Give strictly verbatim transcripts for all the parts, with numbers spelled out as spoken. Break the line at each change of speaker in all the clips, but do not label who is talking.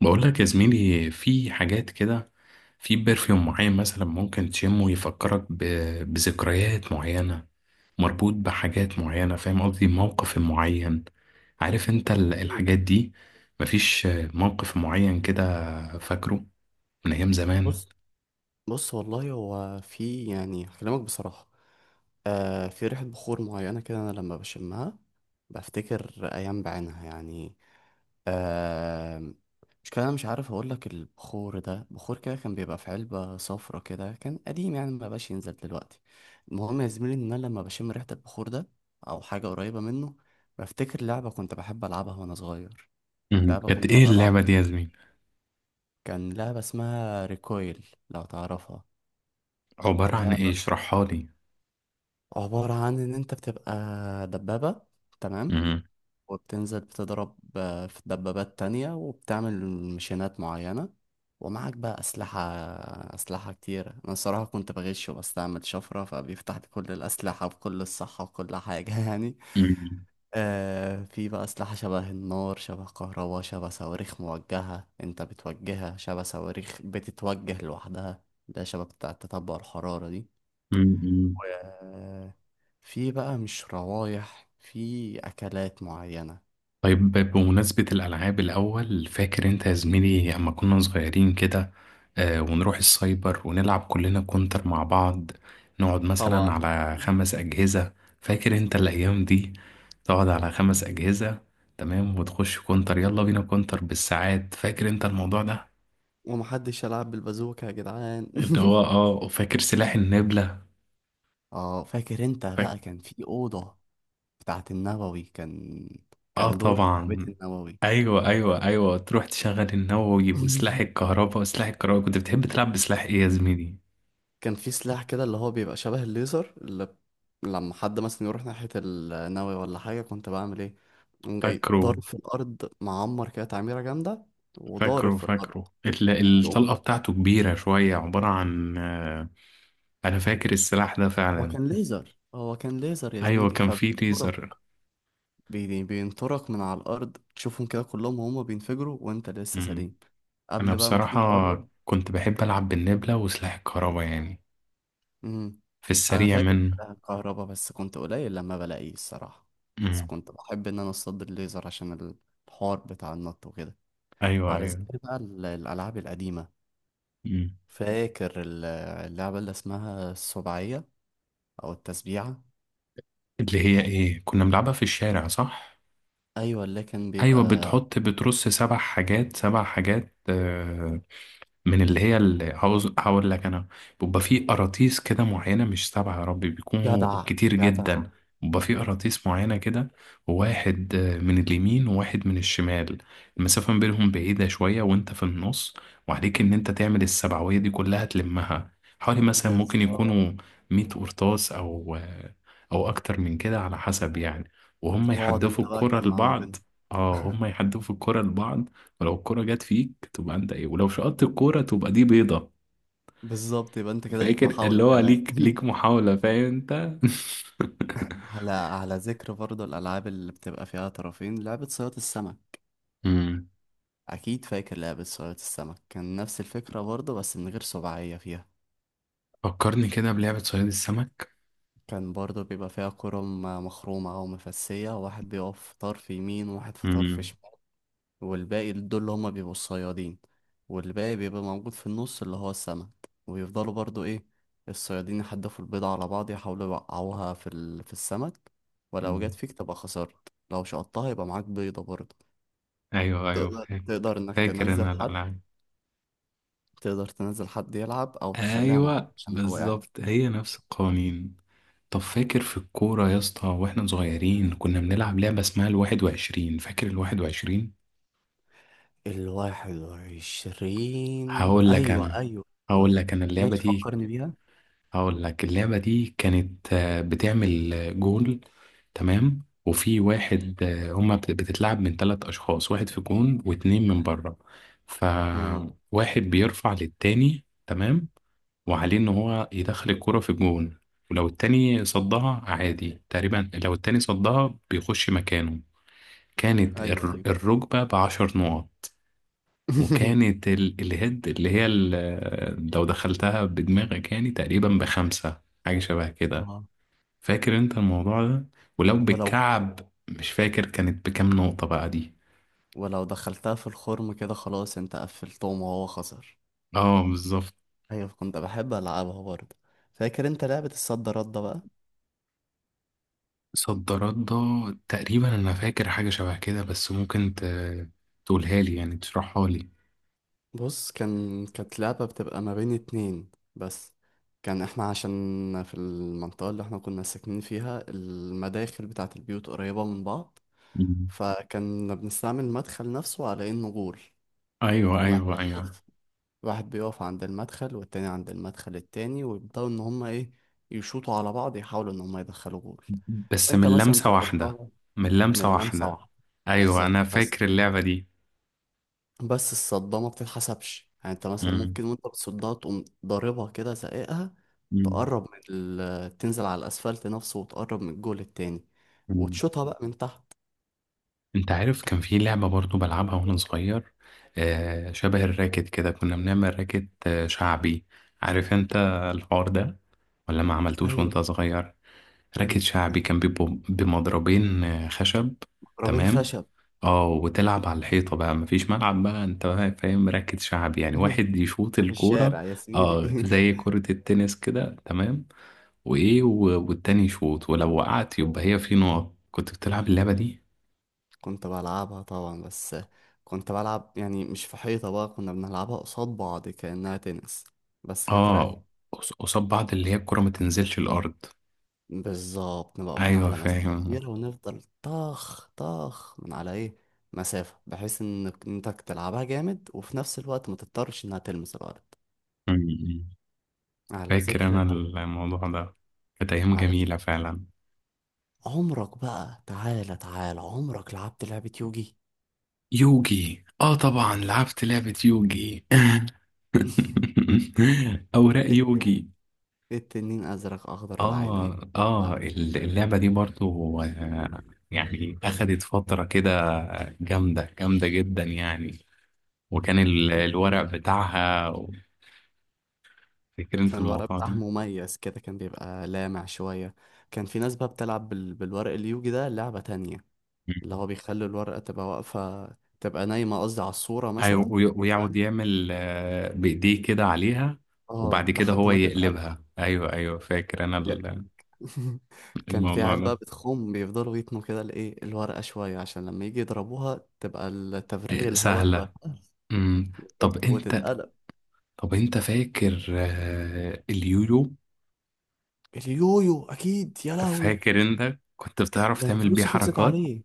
بقول لك يا زميلي في حاجات كده. في برفيوم معين مثلا ممكن تشمه يفكرك ب... بذكريات معينة، مربوط بحاجات معينة، فاهم قصدي؟ موقف معين، عارف انت ال-
مم.
الحاجات دي. مفيش موقف معين كده فاكره من ايام زمان.
بص بص، والله هو في، يعني هكلمك بصراحة. آه، في ريحة بخور معينة كده، أنا لما بشمها بفتكر أيام بعينها يعني. آه، مش كده، أنا مش عارف أقولك، البخور ده بخور كده كان بيبقى في علبة صفرة كده، كان قديم يعني، مبقاش ينزل دلوقتي. المهم يا زميلي، إن أنا لما بشم ريحة البخور ده أو حاجة قريبة منه، بفتكر لعبة كنت بحب ألعبها وأنا صغير.
مهم.
لعبة
كانت
كنت
ايه
بلعبها على
اللعبة دي يا زميلي؟
الكمبيوتر، كان لعبة اسمها ريكويل لو تعرفها.
عبارة عن ايه؟
اللعبة
اشرحها لي.
عبارة عن إن أنت بتبقى دبابة، تمام.
مم.
وبتنزل بتضرب آه، في دبابات تانية، وبتعمل مشينات معينة. ومعك بقى أسلحة، أسلحة كتيرة. أنا الصراحة كنت بغش وبستعمل شفرة، فبيفتح لي كل الأسلحة بكل الصحة وكل حاجة يعني.
مهم.
آه، في بقى أسلحة شبه النار، شبه كهرباء، شبه صواريخ موجهة أنت بتوجهها، شبه صواريخ بتتوجه لوحدها. ده شبه بتاع التتبع الحرارة دي.
مهم.
و- في بقى مش روايح، في أكلات معينة.
طيب بمناسبة الألعاب، الأول فاكر أنت يا زميلي أما كنا صغيرين كده، آه ونروح السايبر ونلعب كلنا كونتر مع بعض، نقعد مثلا
طبعا.
على خمس أجهزة. فاكر أنت الأيام دي؟ تقعد على خمس أجهزة، تمام، وتخش كونتر، يلا بينا كونتر بالساعات. فاكر أنت الموضوع ده؟
ومحدش يلعب بالبازوكة يا جدعان
اللي هو اه فاكر سلاح النبلة.
اه، فاكر انت
فاكر.
بقى كان في أوضة بتاعت النووي، كان
اه
كان دور بتاع بيت
طبعا.
النووي.
ايوه ايوه ايوه، تروح تشغل النووي وسلاح الكهرباء وسلاح الكهرباء. كنت بتحب تلعب بسلاح ايه يا زميلي؟
كان في سلاح كده اللي هو بيبقى شبه الليزر، اللي ب- لما حد مثلا يروح ناحية النووي ولا حاجة، كنت بعمل ايه؟ قوم جاي
فاكره
ضارب في الأرض، معمر كده تعميرة جامدة، وضارب
فاكره
في الأرض
فاكره، ال- الطلقة
يقوم.
بتاعته كبيرة شوية، عبارة عن آه، أنا فاكر السلاح ده
هو
فعلا.
كان ليزر، هو كان ليزر يا
أيوة
زميلي،
كان فيه
فبينطرك.
ليزر.
بي- بينطرك من على الأرض، تشوفهم كده كلهم وهم بينفجروا وأنت لسه
مم.
سليم،
أنا
قبل بقى ما تيجي
بصراحة
تقرب.
كنت بحب ألعب بالنبلة وسلاح الكهرباء يعني،
امم.
في
أنا
السريع
فاكر
منه.
الكهرباء، بس كنت قليل لما بلاقيه الصراحة. بس
مم.
كنت بحب إن أنا أصطاد الليزر، عشان الحوار بتاع النط وكده.
أيوة
على
أيوة.
ذكر بقى ال- الألعاب القديمة.
مم.
فاكر ال- اللعبة اللي اسمها السبعية، أو التسبيعة؟
اللي هي إيه، كنا بنلعبها في الشارع صح؟
أيوة، اللي كان بيبقى.
أيوة، بتحط بترص سبع حاجات سبع حاجات، آه، من اللي هي اللي هعوز- هقول لك انا. بيبقى في قراطيس كده معينه، مش سبعه يا ربي، بيكونوا
جدع،
كتير
جدع.
جدا. بيبقى في قراطيس معينه كده، واحد آه، من اليمين وواحد من الشمال. المسافه ما بينهم بعيده شويه وانت في النص، وعليك ان انت تعمل السبعويه دي كلها تلمها، حوالي مثلا ممكن
بالظبط.
يكونوا مية قرطاس او آه، او اكتر من كده على حسب يعني. وهم
واقعد
يحدفوا
انت بقى
الكره
جمع ما
لبعض،
بينهم.
اه هم يحدفوا الكره لبعض. ولو الكرة جت فيك تبقى انت ايه، ولو شقطت الكرة تبقى دي بيضة.
بالظبط، يبقى انت كده ليك
فاكر
محاولة
اللي هو
كمان
ليك ليك محاولة، فاهم انت؟
على على ذكر برضه الألعاب اللي بتبقى فيها طرفين، لعبة صياد السمك.
امم.
أكيد فاكر لعبة صياد السمك، كان نفس الفكرة برضه بس من غير سبعية فيها.
فكرني كده بلعبة صياد السمك.
كان برضه بيبقى فيها كرة م- مخرومة أو مفسية، واحد بيقف في طرف يمين وواحد في طرف
امم.
شمال. والباقي دول اللي هما بيبقوا الصيادين. والباقي بيبقى موجود في النص، اللي هو السمك، ويفضلوا برضو ايه، الصيادين يحدفوا البيضة على بعض، يحاولوا يوقعوها في ال... في السمك. ولو جت فيك تبقى خسرت، لو شقطتها يبقى معاك بيضة برضو.
ايوه ايوه
تقدر
فاكر.
تقدر انك
فاكر
تنزل
انا
حد.
الالعاب.
تقدر تنزل حد يلعب او تخليها معاك
ايوه
عشان لو وقعت.
بالظبط، هي نفس القوانين. طب فاكر في الكورة يا اسطى واحنا صغيرين كنا بنلعب لعبة اسمها الواحد وعشرين، فاكر الواحد وعشرين؟
الواحد وعشرين،
هقول لك
أيوة
انا
أيوة،
هقول لك انا اللعبة
ماشي
دي
فكرني بيها.
هقول لك اللعبة دي كانت آه، بتعمل آه، جول. تمام، وفي واحد آه، هما بت- بتتلعب من ثلاث أشخاص، واحد في جون واتنين من بره.
امم.
فواحد بيرفع للتاني، تمام، وعليه إن هو يدخل الكرة في جون. ولو التاني صدها عادي، تقريبا لو التاني صدها بيخش مكانه. كانت
أيوة،
الر-
أيوة
الركبة بعشر نقط. وكانت ال- الهيد اللي هي ال- لو دخلتها بدماغك يعني تقريبا بخمسة حاجة شبه كده.
اه،
فاكر انت الموضوع ده؟ ولو
ولو
بالكعب مش فاكر كانت بكام نقطة بقى دي.
ولو دخلتها في الخرم كده، خلاص انت قفلتهم وهو خسر.
اه بالظبط.
ايوه، كنت بحب العبها برضه. فاكر انت لعبة الصد رد بقى.
صدرات ده، تقريبا انا فاكر حاجة شبه كده، بس ممكن ت- تقولها لي يعني تشرحها لي.
بص، كان كانت لعبة بتبقى ما بين اتنين بس. كان احنا عشان في المنطقة اللي احنا كنا ساكنين فيها، المداخل بتاعة البيوت قريبة من بعض.
مم.
فكنا بنستعمل المدخل نفسه على انه جول.
ايوه
واحد
ايوه ايوه.
واحد بيقف عند المدخل، والتاني عند المدخل التاني، ويبدأوا إن هما إيه، يشوطوا على بعض، يحاولوا إن هما يدخلوا جول.
بس
وأنت
من
مثلا
لمسة واحدة.
تصدها
من
من
لمسة
لمسة
واحدة.
واحدة.
ايوه
بالظبط
انا
بس.
فاكر اللعبة دي.
بس الصدمة ما بتتحسبش، يعني أنت مثلا
مم.
ممكن وأنت بتصدها تقوم ضاربها كده زقيقها، تقرب من ال... تنزل على الأسفلت نفسه، وتقرب من الجول التاني،
مم.
وتشوطها بقى من تحت.
انت عارف كان في لعبة برضو بلعبها وانا صغير، آه شبه الراكت كده، كنا بنعمل راكت آه شعبي. عارف انت الحوار ده ولا ما عملتوش وانت
أيوه.
صغير؟ راكت
أنت
شعبي كان بيبقوا بمضربين آه خشب.
ضربين
تمام.
خشب
اه وتلعب على الحيطة بقى، مفيش ملعب بقى انت، بقى فاهم راكت شعبي يعني؟ واحد يشوط
في
الكورة،
الشارع يا زميلي
اه زي كرة التنس كده، تمام، وايه و- والتاني يشوط ولو وقعت يبقى هي في نقط. كنت بتلعب اللعبة دي؟
كنت بلعبها طبعا، بس كنت بلعب يعني مش في حيطة بقى، كنا بنلعبها قصاد بعض كأنها تنس، بس كانت راكت.
اه، قص- قصاد بعض، اللي هي الكرة ما تنزلش الأرض.
بالظبط، نبقى واقفين
أيوة
على مسافة
فاهم.
كبيرة ونفضل طخ طخ من على ايه، مسافة بحيث انك انتك تلعبها جامد وفي نفس الوقت ما تضطرش انها تلمس الأرض.
أمم.
على
فاكر
ذكر
أنا
الألعاب.
الموضوع ده، كانت أيام
على ذكر،
جميلة فعلا.
عمرك بقى تعالى تعالى، عمرك لعبت لعبة يوجي؟
يوجي؟ اه طبعا، لعبت لعبة يوجي، أوراق
الت-
يوجي.
التنين أزرق أخضر العينين.
اه اه،
آه.
ال- اللعبة دي برضو، آه، يعني أخدت فترة كده، جامدة جامدة جدا يعني. وكان ال- الورق بتاعها، فاكر انت
كان الورق
الموضوع
بتاعها
ده؟
مميز كده، كان بيبقى لامع شوية. كان في ناس بقى بتلعب بال... بالورق اليوجي ده لعبة تانية، اللي هو بيخلي الورقة تبقى واقفة، تبقى نايمة قصدي على الصورة
أيوة،
مثلا.
وي-
تمام.
ويقعد يعمل آه، بإيديه كده عليها، وبعد
اه،
كده
لحد
هو
ما تتقلب.
يقلبها. أيوه أيوه فاكر أنا
دي-
ال-
كان في
الموضوع
عيال بقى
ده.
بتخوم بيفضلوا يتنوا كده الايه الورقة شوية، عشان لما يجي يضربوها تبقى التفريغ
آه،
الهواء يبقى
سهلة.
سهل.
أمم.
بالظبط
طب أنت
وتتقلب.
طب أنت فاكر آه، اليويو؟
اليويو اكيد يا لهوي.
فاكر أنت كنت بتعرف
ده انا
تعمل بيه
فلوسي خلصت
حركات؟
عليه.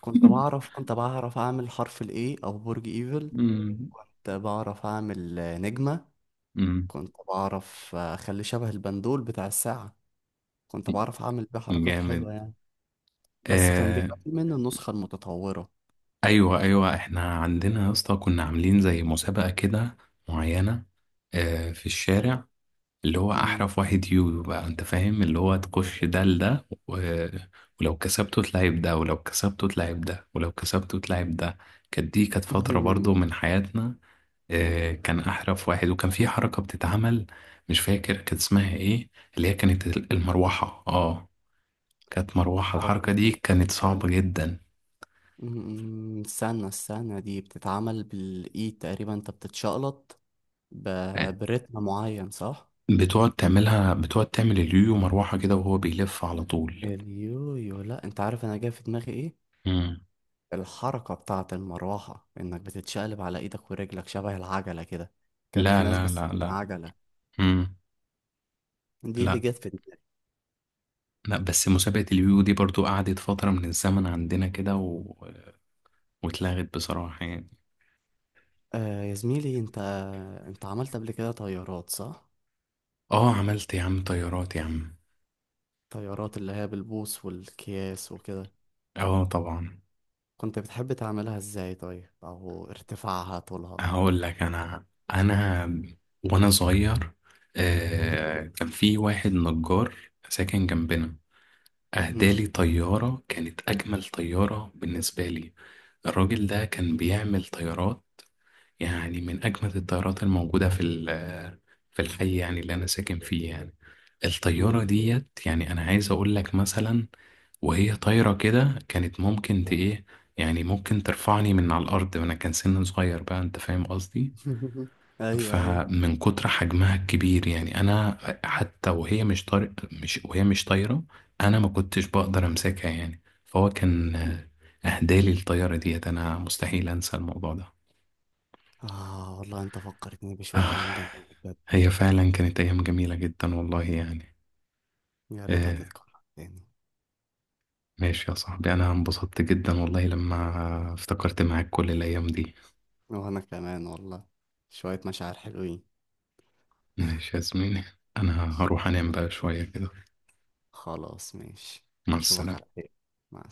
كنت بعرف كنت بعرف اعمل حرف الاي او برج ايفل.
أمم.
كنت بعرف أعمل نجمة.
أمم.
كنت بعرف أخليه شبه البندول بتاع الساعة. كنت بعرف أعمل بيه حركات
جامد.
حلوة يعني. بس كان
آه.
بيبقى في منه النسخة المتطورة.
ايوه ايوه، احنا عندنا يا اسطى كنا عاملين زي مسابقه كده معينه، آه في الشارع، اللي هو
مم.
احرف واحد يويو بقى انت فاهم، اللي هو تخش ده لده و، ولو كسبته تلعب ده، ولو كسبته تلعب ده، ولو كسبته تلعب ده. كانت دي كانت فترة برضو من حياتنا. آه، كان احرف واحد، وكان في حركة بتتعمل مش فاكر كانت اسمها ايه، اللي هي كانت المروحة. اه كانت مروحة،
حركة.
الحركة دي كانت صعبة جدا.
مم، استنى استنى، دي بتتعمل بالإيد تقريبا، أنت بتتشقلط ب... برتم معين صح؟
بتقعد تعملها بتقعد تعمل اليويو مروحة كده وهو بيلف على طول.
اليويو لأ، أنت عارف أنا جاي في دماغي إيه؟
مم.
الحركة بتاعة المروحة، إنك بتتشقلب على إيدك ورجلك شبه العجلة كده. كان
لا
في ناس
لا
بس،
لا لا.
عجلة،
مم.
دي اللي
لا،
جت في دماغي.
لا بس مسابقة اليو دي برضو قعدت فترة من الزمن عندنا كده و، واتلغت بصراحة يعني.
آه يا زميلي، انت انت عملت قبل كده طيارات صح؟
اه عملت يا عم طيارات يا عم.
طيارات اللي هي بالبوص والكياس وكده.
اه طبعا.
كنت بتحب تعملها ازاي طيب؟ او ارتفاعها طولها.
هقول لك انا انا وانا صغير، آه كان في واحد نجار ساكن جنبنا
امم.
اهدالي طيارة، كانت اجمل طيارة بالنسبة لي. الراجل ده كان بيعمل طيارات، يعني من أجمد الطيارات الموجودة في ال- في الحي يعني اللي أنا ساكن فيه يعني. الطيارة
امم.
ديت يعني أنا عايز أقول لك مثلا، وهي طايرة كده كانت ممكن ت إيه، يعني ممكن ترفعني من على الأرض، وأنا كان سن صغير بقى أنت فاهم قصدي.
ايوه، ايوه.
فمن كتر حجمها الكبير يعني أنا، حتى وهي مش طار مش وهي مش طايرة، أنا ما كنتش بقدر أمسكها يعني. فهو كان أهدالي الطيارة ديت، أنا مستحيل أنسى الموضوع ده.
اه والله، انت فكرتني بشوية
آه،
ايام جميلة بجد.
هي فعلا كانت أيام جميلة جدا والله يعني.
يا ريتها
آه،
تتكرر تاني.
ماشي يا صاحبي، أنا انبسطت جدا والله لما افتكرت معاك كل الأيام دي.
وانا كمان والله، شوية مشاعر حلوين.
ماشي يا زميلي، أنا هروح أنام
يلا.
بقى شوية كده.
خلاص، ماشي.
مع
اشوفك على
السلامة.
خير، مع السلامة.